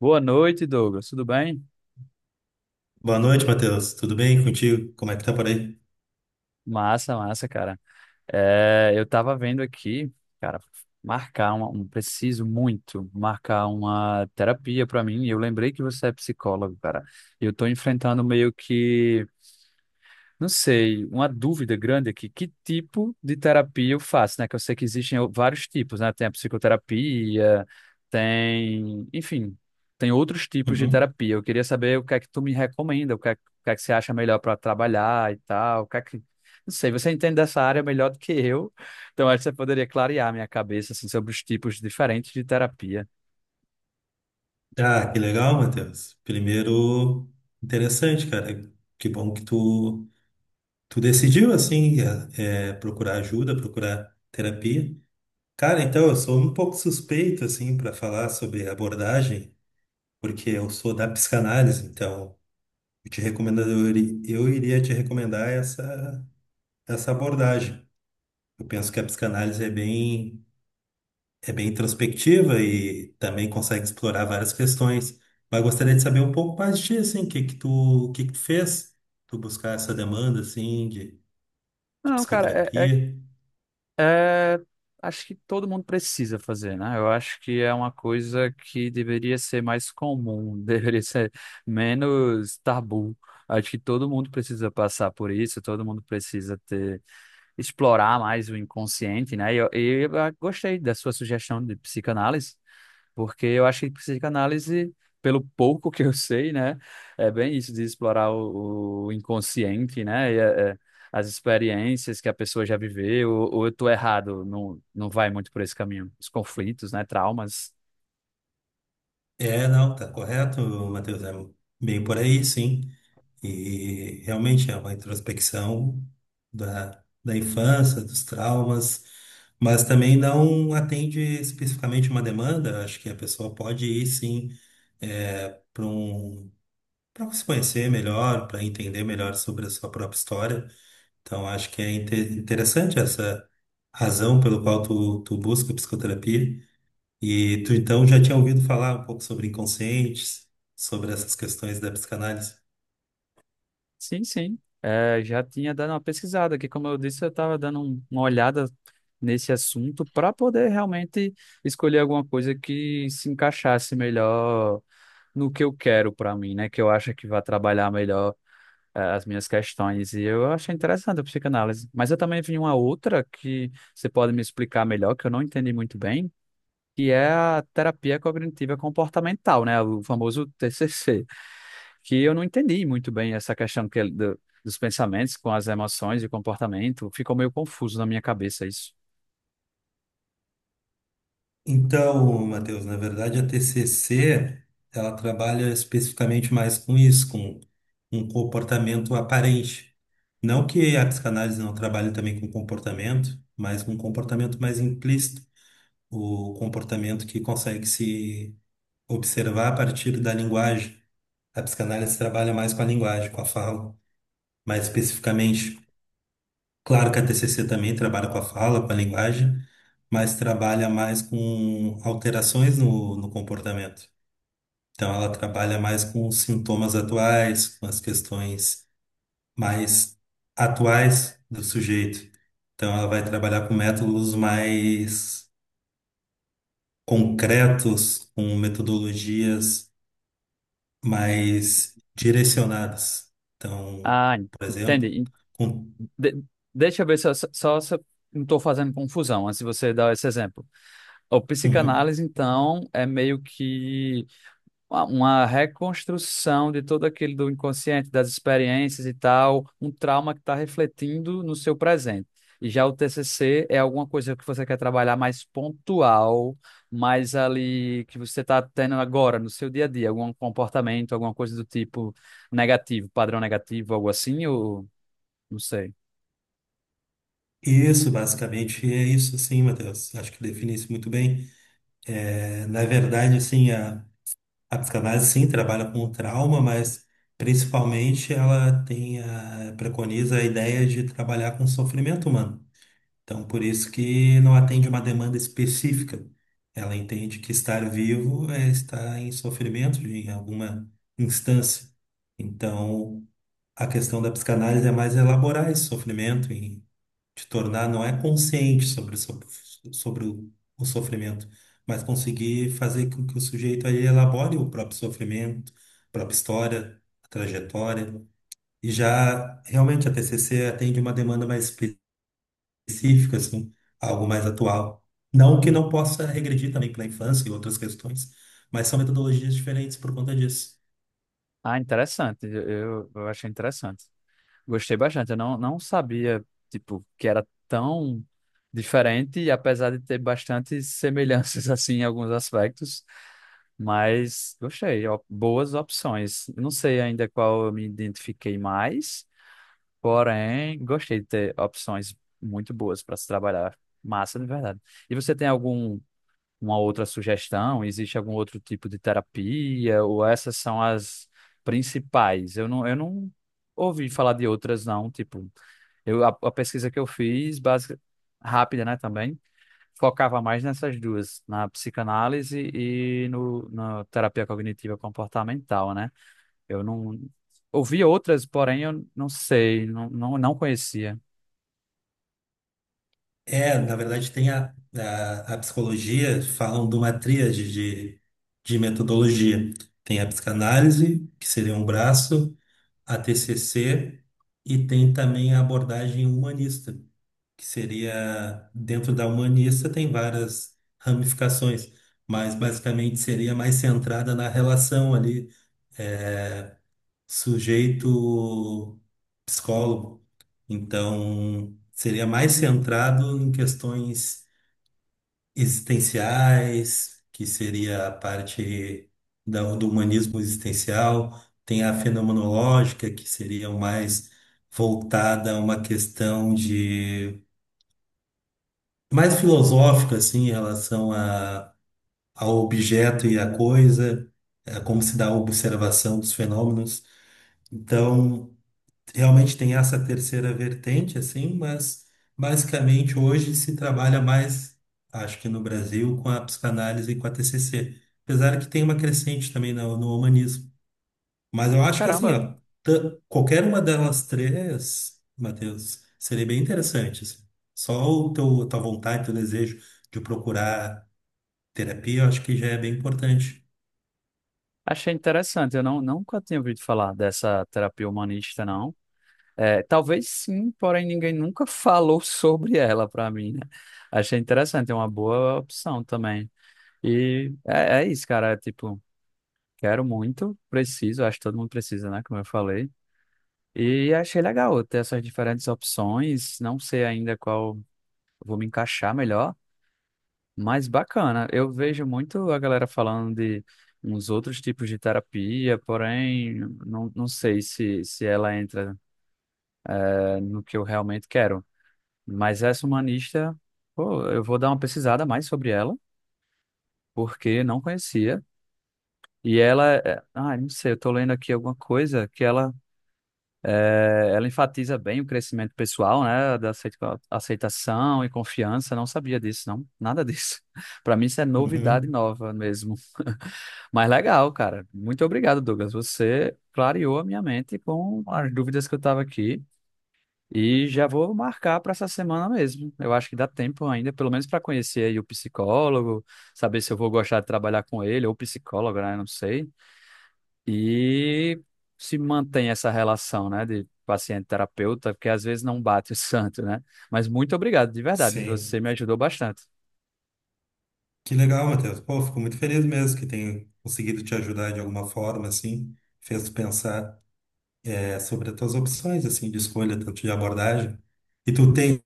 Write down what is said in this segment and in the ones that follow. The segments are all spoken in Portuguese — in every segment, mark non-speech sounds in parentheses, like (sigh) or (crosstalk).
Boa noite, Douglas. Tudo bem? Boa noite, Matheus. Tudo bem contigo? Como é que tá por aí? Massa, massa, cara. Eu tava vendo aqui, cara, marcar preciso muito marcar uma terapia pra mim. E eu lembrei que você é psicólogo, cara. E eu tô enfrentando meio que, não sei, uma dúvida grande aqui, que tipo de terapia eu faço, né? Que eu sei que existem vários tipos, né? Tem a psicoterapia, tem, enfim, tem outros tipos de Uhum. terapia. Eu queria saber o que é que tu me recomenda, o que é que você acha melhor para trabalhar e tal, o que é que... Não sei, você entende dessa área melhor do que eu, então acho que você poderia clarear minha cabeça, assim, sobre os tipos diferentes de terapia. Ah, que legal, Matheus. Primeiro, interessante, cara. Que bom que tu decidiu, assim, procurar ajuda, procurar terapia. Cara, então, eu sou um pouco suspeito, assim, para falar sobre abordagem, porque eu sou da psicanálise, então, eu te recomendo, eu, iri- eu iria te recomendar essa abordagem. Eu penso que a psicanálise é bem introspectiva e também consegue explorar várias questões. Mas gostaria de saber um pouco mais de ti, assim, o que que tu fez? Tu buscar essa demanda, assim, de Não, cara, é, psicoterapia. é, acho que todo mundo precisa fazer, né? Eu acho que é uma coisa que deveria ser mais comum, (laughs) deveria ser menos tabu. Acho que todo mundo precisa passar por isso, todo mundo precisa ter, explorar mais o inconsciente, né? E eu gostei da sua sugestão de psicanálise, porque eu acho que psicanálise, pelo pouco que eu sei, né, é bem isso de explorar o inconsciente, né, e as experiências que a pessoa já viveu, ou eu tô errado, não, não vai muito por esse caminho, os conflitos, né, traumas. É, não, tá correto, Matheus, é bem por aí, sim. E realmente é uma introspecção da infância, dos traumas, mas também não atende especificamente uma demanda. Acho que a pessoa pode ir, sim, para um para se conhecer melhor, para entender melhor sobre a sua própria história. Então, acho que é interessante essa razão pelo qual tu busca psicoterapia. E tu, então, já tinha ouvido falar um pouco sobre inconscientes, sobre essas questões da psicanálise. Sim, sim, é, já tinha dado uma pesquisada, que como eu disse, eu estava dando uma olhada nesse assunto para poder realmente escolher alguma coisa que se encaixasse melhor no que eu quero para mim, né, que eu acho que vai trabalhar melhor as minhas questões. E eu achei interessante a psicanálise. Mas eu também vi uma outra que você pode me explicar melhor, que eu não entendi muito bem, que é a terapia cognitiva comportamental, né? O famoso TCC, que eu não entendi muito bem essa questão dos pensamentos com as emoções e comportamento. Ficou meio confuso na minha cabeça isso. Então, Matheus, na verdade, a TCC, ela trabalha especificamente mais com isso, com um comportamento aparente. Não que a psicanálise não trabalhe também com comportamento, mas com um comportamento mais implícito o comportamento que consegue se observar a partir da linguagem. A psicanálise trabalha mais com a linguagem, com a fala, mais especificamente. Claro que a TCC também trabalha com a fala, com a linguagem, mas trabalha mais com alterações no comportamento. Então, ela trabalha mais com os sintomas atuais, com as questões mais atuais do sujeito. Então, ela vai trabalhar com métodos mais concretos, com metodologias mas direcionadas. Então, Ah, por exemplo, entendi. com- De- deixa eu ver se eu, só se eu não estou fazendo confusão antes de você dar esse exemplo. O Uhum. psicanálise, então, é meio que uma reconstrução de todo aquele do inconsciente, das experiências e tal, um trauma que está refletindo no seu presente. E já o TCC é alguma coisa que você quer trabalhar mais pontual, mais ali que você está tendo agora no seu dia a dia, algum comportamento, alguma coisa do tipo negativo, padrão negativo, algo assim, ou não sei. Isso, basicamente, é isso, sim, Matheus. Acho que define isso muito bem. É, na verdade, assim, a psicanálise, sim, trabalha com o trauma, mas principalmente ela tem a, preconiza a ideia de trabalhar com o sofrimento humano. Então, por isso que não atende uma demanda específica. Ela entende que estar vivo é estar em sofrimento em alguma instância. Então, a questão da psicanálise é mais elaborar esse sofrimento e te tornar não é consciente sobre o sofrimento, mas conseguir fazer com que o sujeito aí elabore o próprio sofrimento, a própria história, a trajetória. E já realmente a TCC atende uma demanda mais específico, assim, algo mais atual. Não que não possa regredir também para a infância e outras questões, mas são metodologias diferentes por conta disso. Ah, interessante. Eu achei interessante. Gostei bastante. Eu não, não sabia, tipo, que era tão diferente, e apesar de ter bastante semelhanças, (laughs) assim, em alguns aspectos, mas gostei. Ó, boas opções. Eu não sei ainda qual eu me identifiquei mais, porém, gostei de ter opções muito boas para se trabalhar. Massa, de verdade. E você tem algum, uma outra sugestão? Existe algum outro tipo de terapia? Ou essas são as principais? Eu não ouvi falar de outras, não, tipo. A pesquisa que eu fiz, básica, rápida, né, também, focava mais nessas duas, na psicanálise e no, na terapia cognitiva comportamental, né? Eu não ouvi outras, porém eu não sei, não conhecia. É, na verdade, tem a psicologia, falam de uma tríade de metodologia. Tem a psicanálise, que seria um braço, a TCC, e tem também a abordagem humanista, que seria, dentro da humanista, tem várias ramificações mas basicamente seria mais centrada na relação ali é, sujeito psicólogo, então seria mais centrado em questões existenciais, que seria a parte do humanismo existencial, tem a fenomenológica, que seria mais voltada a uma questão de mais filosófica assim em relação ao objeto e à coisa, é como se dá a observação dos fenômenos. Então, realmente tem essa terceira vertente, assim, mas basicamente hoje se trabalha mais, acho que no Brasil, com a psicanálise e com a TCC, apesar que tem uma crescente também no humanismo. Mas eu acho que assim, Caramba, ó, ta- qualquer uma delas três, Matheus, seria bem interessante, assim. Só o teu, tua vontade, teu desejo de procurar terapia, eu acho que já é bem importante. achei interessante. Eu não, nunca tinha ouvido falar dessa terapia humanista, não. É, talvez sim, porém ninguém nunca (laughs) falou sobre ela para mim, né? Achei interessante, é uma boa opção também. E é, é isso, cara, é tipo, quero muito, preciso, acho que todo mundo precisa, né? Como eu falei. E achei legal ter essas diferentes opções. Não sei ainda qual vou me encaixar melhor, mas bacana. Eu vejo muito a galera falando de uns outros tipos de terapia, porém, não, não sei se ela entra no que eu realmente quero. Mas essa humanista, pô, eu vou dar uma pesquisada mais sobre ela, porque não conhecia. E ela, não sei, eu tô lendo aqui alguma coisa que ela, é, ela enfatiza bem o crescimento pessoal, né, da aceitação e confiança. Não sabia disso, não, nada disso. (laughs) Para mim isso é novidade Uhum. nova mesmo. (laughs) Mas legal, cara. Muito obrigado, Douglas. Você clareou a minha mente com as dúvidas que eu estava aqui e já vou marcar para essa semana mesmo. Eu acho que dá tempo ainda, pelo menos para conhecer aí o psicólogo, saber se eu vou gostar de trabalhar com ele ou psicólogo, né? Não sei. E se mantém essa relação, né, de paciente-terapeuta, porque às vezes não bate o (laughs) santo, né? Mas muito obrigado, de verdade, Sim. você me ajudou bastante. Que legal, Matheus. Pô, fico muito feliz mesmo que tenha conseguido te ajudar de alguma forma, assim. Fez tu pensar, é, sobre as tuas opções, assim, de escolha, tanto de abordagem. E tu tem,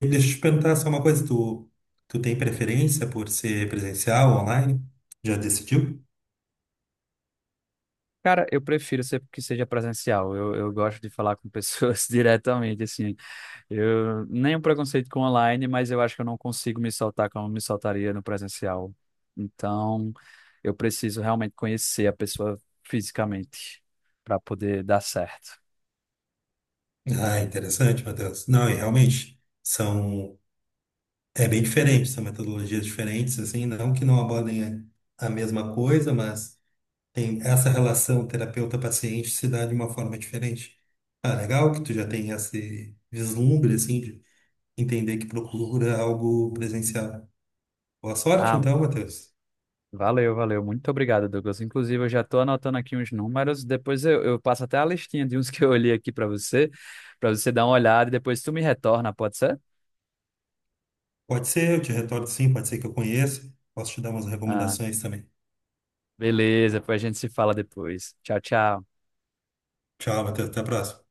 deixa eu te perguntar só uma coisa, tu tem preferência por ser presencial, online? Já decidiu? Cara, que seja presencial. Eu gosto de falar com pessoas (laughs) diretamente, assim. Eu nenhum preconceito com online, mas eu acho que eu não consigo me soltar como me soltaria no presencial. Então, eu preciso realmente conhecer a pessoa fisicamente para poder dar certo. Ah, interessante, Matheus. Não, e realmente, são É bem diferente, são metodologias diferentes, assim, não que não abordem a mesma coisa, mas tem essa relação terapeuta-paciente se dá de uma forma diferente. Ah, legal que tu já tem esse vislumbre, assim, de entender que procura algo presencial. Boa sorte, Ah, então, Matheus. valeu, valeu. Muito obrigado, Douglas. Inclusive, eu já estou anotando aqui uns números. Depois eu passo até a listinha de uns que eu olhei aqui para você dar uma olhada e depois tu me retorna, pode ser? Pode ser, eu te retorno sim, pode ser que eu conheça. Posso te dar umas Ah, recomendações também. beleza, depois a gente se fala depois. Tchau, tchau. Tchau, Matheus, até a próxima.